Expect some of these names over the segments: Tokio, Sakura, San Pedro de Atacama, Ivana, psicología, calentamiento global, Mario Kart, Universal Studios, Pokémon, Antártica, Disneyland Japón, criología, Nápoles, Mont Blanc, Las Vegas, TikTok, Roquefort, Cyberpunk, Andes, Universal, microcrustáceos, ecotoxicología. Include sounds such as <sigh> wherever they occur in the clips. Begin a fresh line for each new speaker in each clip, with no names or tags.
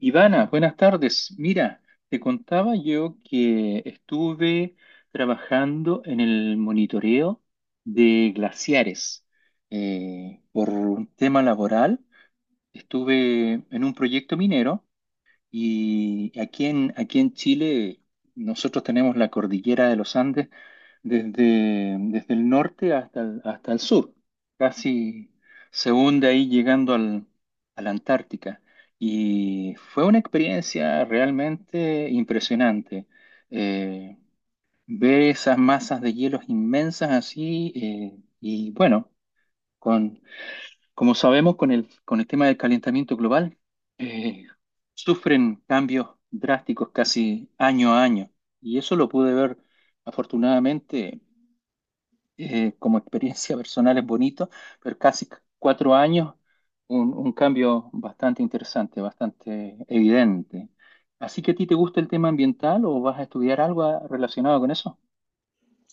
Ivana, buenas tardes. Mira, te contaba yo que estuve trabajando en el monitoreo de glaciares. Por un tema laboral, estuve en un proyecto minero y aquí en Chile nosotros tenemos la cordillera de los Andes desde el norte hasta el sur. Casi se hunde ahí llegando a la Antártica. Y fue una experiencia realmente impresionante. Eh, Ver esas masas de hielos inmensas así y bueno, con como sabemos, con el tema del calentamiento global, eh, sufren cambios drásticos casi año a año. Y eso lo pude ver, afortunadamente, como experiencia personal es bonito, pero casi cuatro años, un cambio bastante interesante, bastante evidente. Así que a ti te gusta el tema ambiental o vas a estudiar algo relacionado con eso?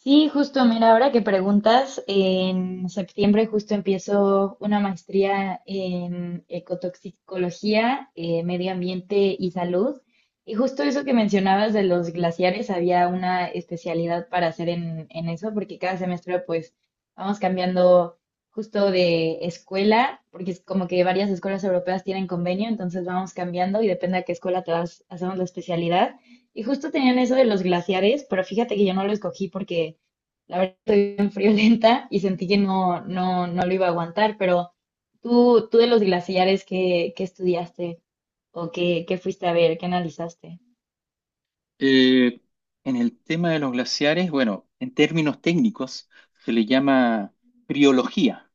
Sí, justo, mira, ahora que preguntas, en septiembre justo empiezo una maestría en ecotoxicología, medio ambiente y salud. Y justo eso que mencionabas de los glaciares, había una especialidad para hacer en eso, porque cada semestre pues vamos cambiando justo de escuela, porque es como que varias escuelas europeas tienen convenio, entonces vamos cambiando y depende a qué escuela te vas, hacemos la especialidad. Y justo tenían eso de los glaciares, pero fíjate que yo no lo escogí porque la verdad estoy bien friolenta y sentí que no, no, no lo iba a aguantar, pero tú de los glaciares, ¿qué estudiaste o qué fuiste a ver, qué analizaste?
Eh, en el tema de los glaciares, bueno, en términos técnicos se le llama criología.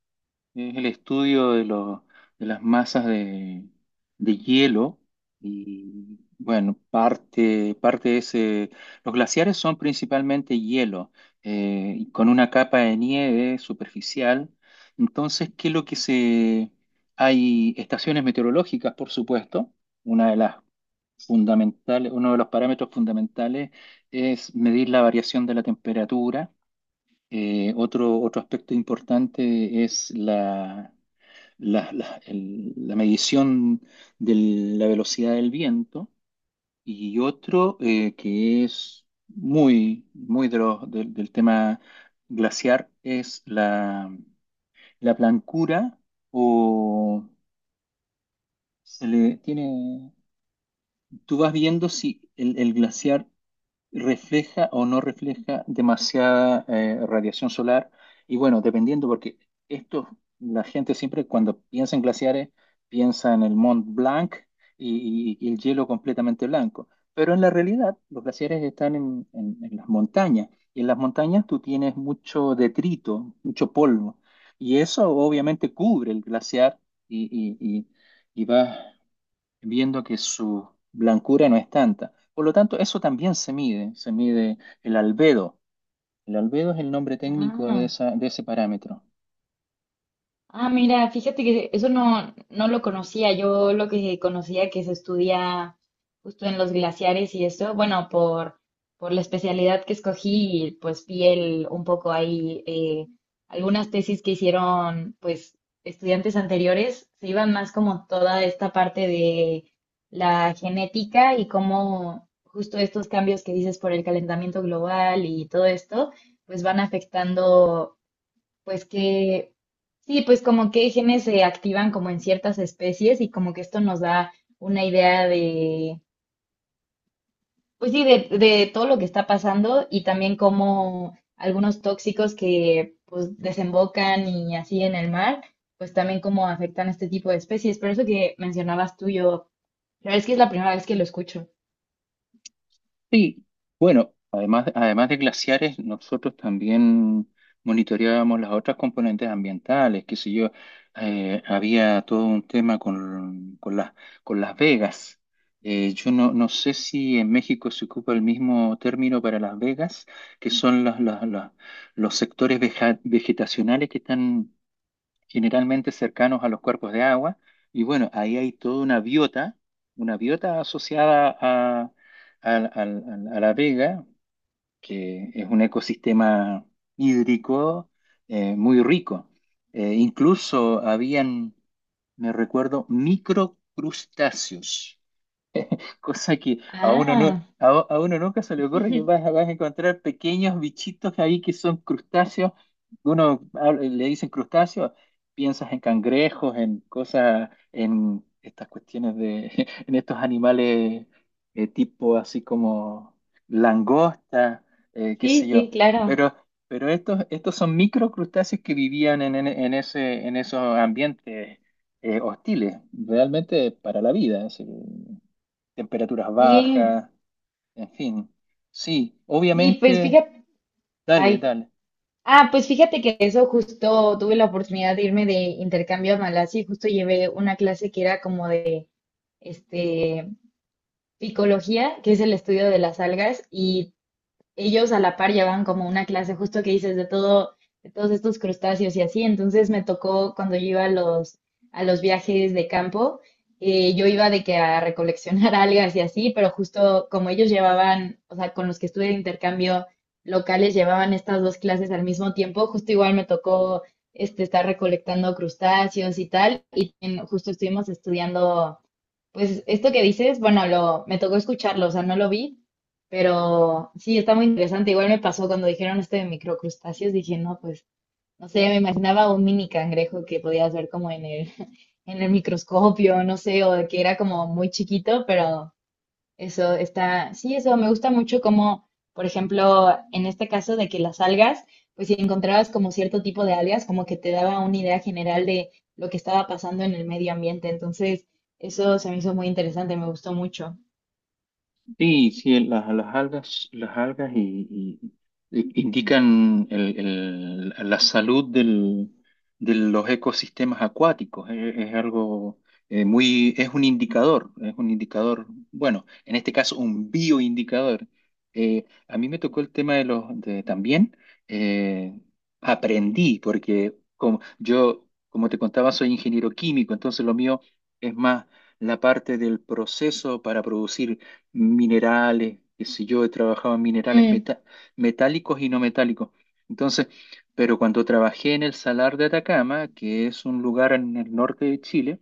Es el estudio de las masas de hielo y bueno, parte de ese... Los glaciares son principalmente hielo, y con una capa de nieve superficial. Entonces, ¿qué es lo que se...? Hay estaciones meteorológicas, por supuesto. Una de las fundamentales, Uno de los parámetros fundamentales es medir la variación de la temperatura. Otro aspecto importante es la medición de la velocidad del viento, y otro que es muy de del tema glaciar es la blancura o se le tiene, tú vas viendo si el glaciar refleja o no refleja demasiada radiación solar. Y bueno, dependiendo, porque esto, la gente siempre cuando piensa en glaciares, piensa en el Mont Blanc y el hielo completamente blanco. Pero en la realidad, los glaciares están en las montañas. Y en las montañas tú tienes mucho detrito, mucho polvo. Y eso obviamente cubre el glaciar y, y, y va viendo que su blancura no es tanta. Por lo tanto, eso también se mide el albedo. El albedo es el nombre técnico de
Ah.
esa, de ese parámetro.
Ah, mira, fíjate que eso no lo conocía. Yo lo que conocía que se estudia justo en los glaciares y eso, bueno, por la especialidad que escogí, y pues vi el un poco ahí algunas tesis que hicieron pues estudiantes anteriores, se iban más como toda esta parte de la genética y cómo justo estos cambios que dices por el calentamiento global y todo esto, pues van afectando. Pues que, sí, pues como que genes se activan como en ciertas especies y como que esto nos da una idea de, pues sí, de todo lo que está pasando y también como algunos tóxicos que pues desembocan y así en el mar, pues también como afectan a este tipo de especies. Pero eso que mencionabas tú, yo, la verdad es que es la primera vez que lo escucho.
Sí, bueno, además de glaciares, nosotros también monitoreábamos las otras componentes ambientales, qué sé yo, había todo un tema con Las Vegas. Yo no sé si en México se ocupa el mismo término para Las Vegas, que son los sectores vegetacionales que están generalmente cercanos a los cuerpos de agua. Y bueno, ahí hay toda una biota asociada al- al- a la vega, que es un ecosistema hídrico muy rico. Incluso habían, me recuerdo, microcrustáceos. <laughs> cosa que a uno no,
Ah,
A, uno nunca se le ocurre
<laughs>
que vas a encontrar pequeños bichitos ahí que son crustáceos. Le dicen crustáceos, piensas en cangrejos, en cosas, en estas cuestiones de, <laughs> en estos animales tipo así como langosta, qué sé
sí, sí,
yo.
claro.
Pero, pero estos, estos son microcrustáceos que vivían en en esos ambientes hostiles, realmente para la vida. Así temperaturas
Sí,
bajas, en fin. Sí,
sí, pues
obviamente,
fíjate,
dale,
ay.
dale.
Ah, pues fíjate que eso justo tuve la oportunidad de irme de intercambio a Malasia y justo llevé una clase que era como de este picología, que es el estudio de las algas y ellos a la par llevan como una clase justo que dices de todo, de todos estos crustáceos y así. Entonces me tocó cuando yo iba a los viajes de campo, yo iba de que a recoleccionar <laughs> algas y así, pero justo como ellos llevaban, o sea, con los que estuve de intercambio locales llevaban estas dos clases al mismo tiempo, justo igual me tocó este, estar recolectando crustáceos y tal, y en- justo estuvimos estudiando pues esto que dices, bueno, lo, me tocó escucharlo, o sea, no lo vi, pero sí, está muy interesante. Igual me pasó cuando dijeron esto de microcrustáceos, dije, no, pues, no sé, me imaginaba un mini cangrejo que podías ver como en el, <laughs> en el microscopio, no sé, o que era como muy chiquito, pero eso está, sí, eso me gusta mucho como, por ejemplo, en este caso de que las algas, pues si encontrabas como cierto tipo de algas, como que te daba una idea general de lo que estaba pasando en el medio ambiente. Entonces, eso se me hizo muy interesante, me gustó mucho.
Sí, sí, las algas, y- indican la salud de los ecosistemas acuáticos. Es algo es un indicador, bueno, en este caso un bioindicador. A mí me tocó el tema de también eh, aprendí porque como, yo, como te contaba, soy ingeniero químico, entonces lo mío es más la parte del proceso para producir minerales, qué sé yo, he trabajado en minerales
Mm,
metálicos y no metálicos. Entonces, pero cuando trabajé en el Salar de Atacama, que es un lugar en el norte de Chile,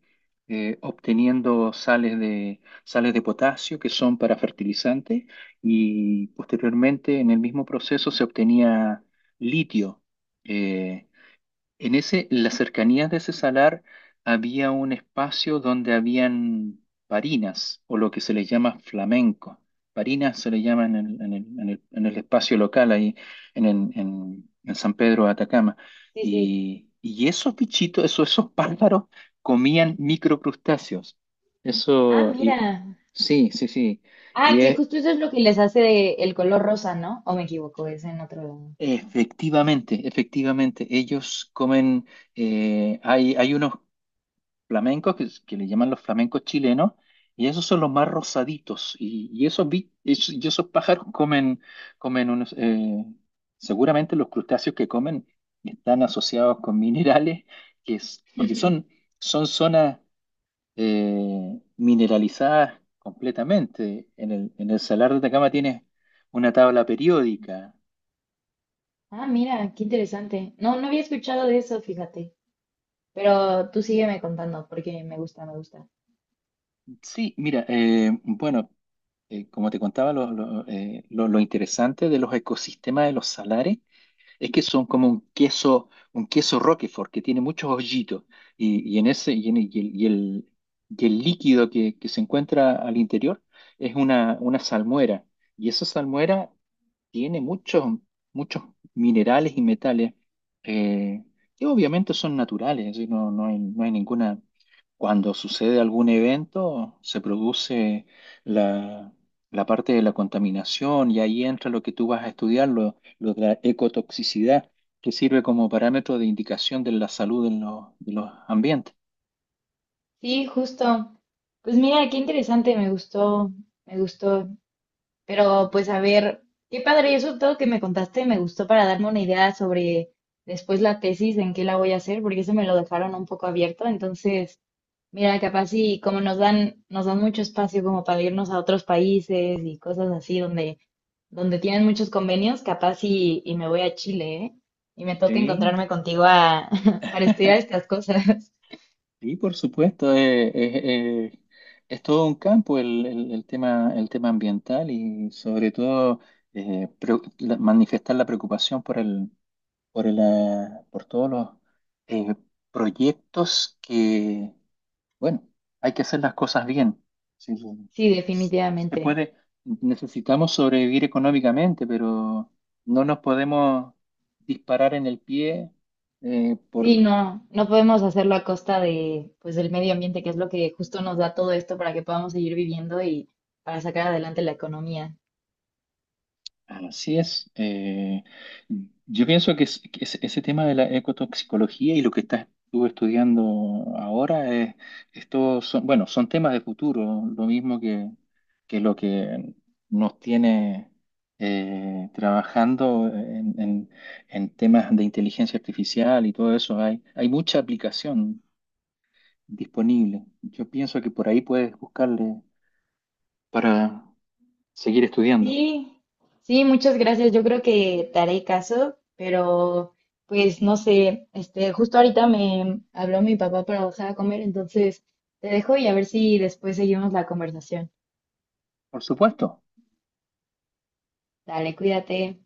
obteniendo sales sales de potasio que son para fertilizantes, y posteriormente en el mismo proceso se obtenía litio. eh, en las cercanías de ese salar había un espacio donde habían parinas, o lo que se les llama flamenco. Parinas se le llama en el espacio local ahí en San Pedro de Atacama.
sí, sí.
Y esos bichitos, esos, esos pájaros comían microcrustáceos.
Ah,
Eso, y-
mira.
sí, sí, sí.
Ah,
Y
que
es,
justo eso es lo que les hace de- el color rosa, ¿no? ¿O me equivoco? Es en otro lado.
efectivamente, efectivamente, ellos comen hay, hay unos, flamencos que le llaman los flamencos chilenos, y esos son los más rosaditos, y esos, y esos pájaros <laughs> comen, comen unos, seguramente los crustáceos que comen están asociados con minerales, que es, porque son,
<laughs>
son zonas mineralizadas completamente. En el Salar de Atacama tienes una tabla periódica.
Ah, mira, qué interesante. No había escuchado de eso, fíjate. Pero tú sígueme contando porque me gusta, me gusta.
Sí, mira, bueno como te contaba, lo interesante de los ecosistemas de los salares es que son como un queso Roquefort que tiene muchos hoyitos, y en ese y, en- y el, y el- y el líquido que se encuentra al interior es una salmuera, y esa salmuera tiene muchos minerales y metales, eh, que obviamente son naturales, es decir, no hay, no hay ninguna. Cuando sucede algún evento, se produce la, la parte de la contaminación y ahí entra lo que tú vas a estudiar, lo de la ecotoxicidad, que sirve como parámetro de indicación de la salud en de los ambientes.
Sí, justo. Pues mira, qué interesante, me gustó, me gustó. Pero pues a ver, qué padre, eso todo que me contaste me gustó para darme una idea sobre después la tesis, en qué la voy a hacer, porque eso me lo dejaron un poco abierto. Entonces, mira, capaz y como nos dan mucho espacio como para irnos a otros países y cosas así donde, donde tienen muchos convenios, capaz y me voy a Chile, ¿eh? Y me toca
Sí,
encontrarme contigo a, <laughs> para estudiar estas cosas. <laughs>
y por supuesto, eh, es todo un campo el tema ambiental, y sobre todo eh, pre- manifestar la preocupación por el, por todos los eh, proyectos que, bueno, hay que hacer las cosas bien. Sí, sí.
Sí,
Se
definitivamente.
puede, necesitamos sobrevivir económicamente, pero no nos podemos disparar en el pie
Sí,
por...
no, no podemos hacerlo a costa de, pues, del medio ambiente, que es lo que justo nos da todo esto para que podamos seguir viviendo y para sacar adelante la economía.
Así es. Yo pienso que, que ese tema de la ecotoxicología y lo que estás tú estudiando ahora, es, estos son, bueno, son temas de futuro, lo mismo que lo que nos tiene trabajando en temas de inteligencia artificial y todo eso. Hay mucha aplicación disponible. Yo pienso que por ahí puedes buscarle para seguir estudiando.
Sí, sí, muchas gracias. Yo creo que te haré caso, pero pues no sé, este, justo ahorita me habló mi papá para bajar a comer, entonces te dejo y a ver si después seguimos la conversación.
Por supuesto.
Dale, cuídate.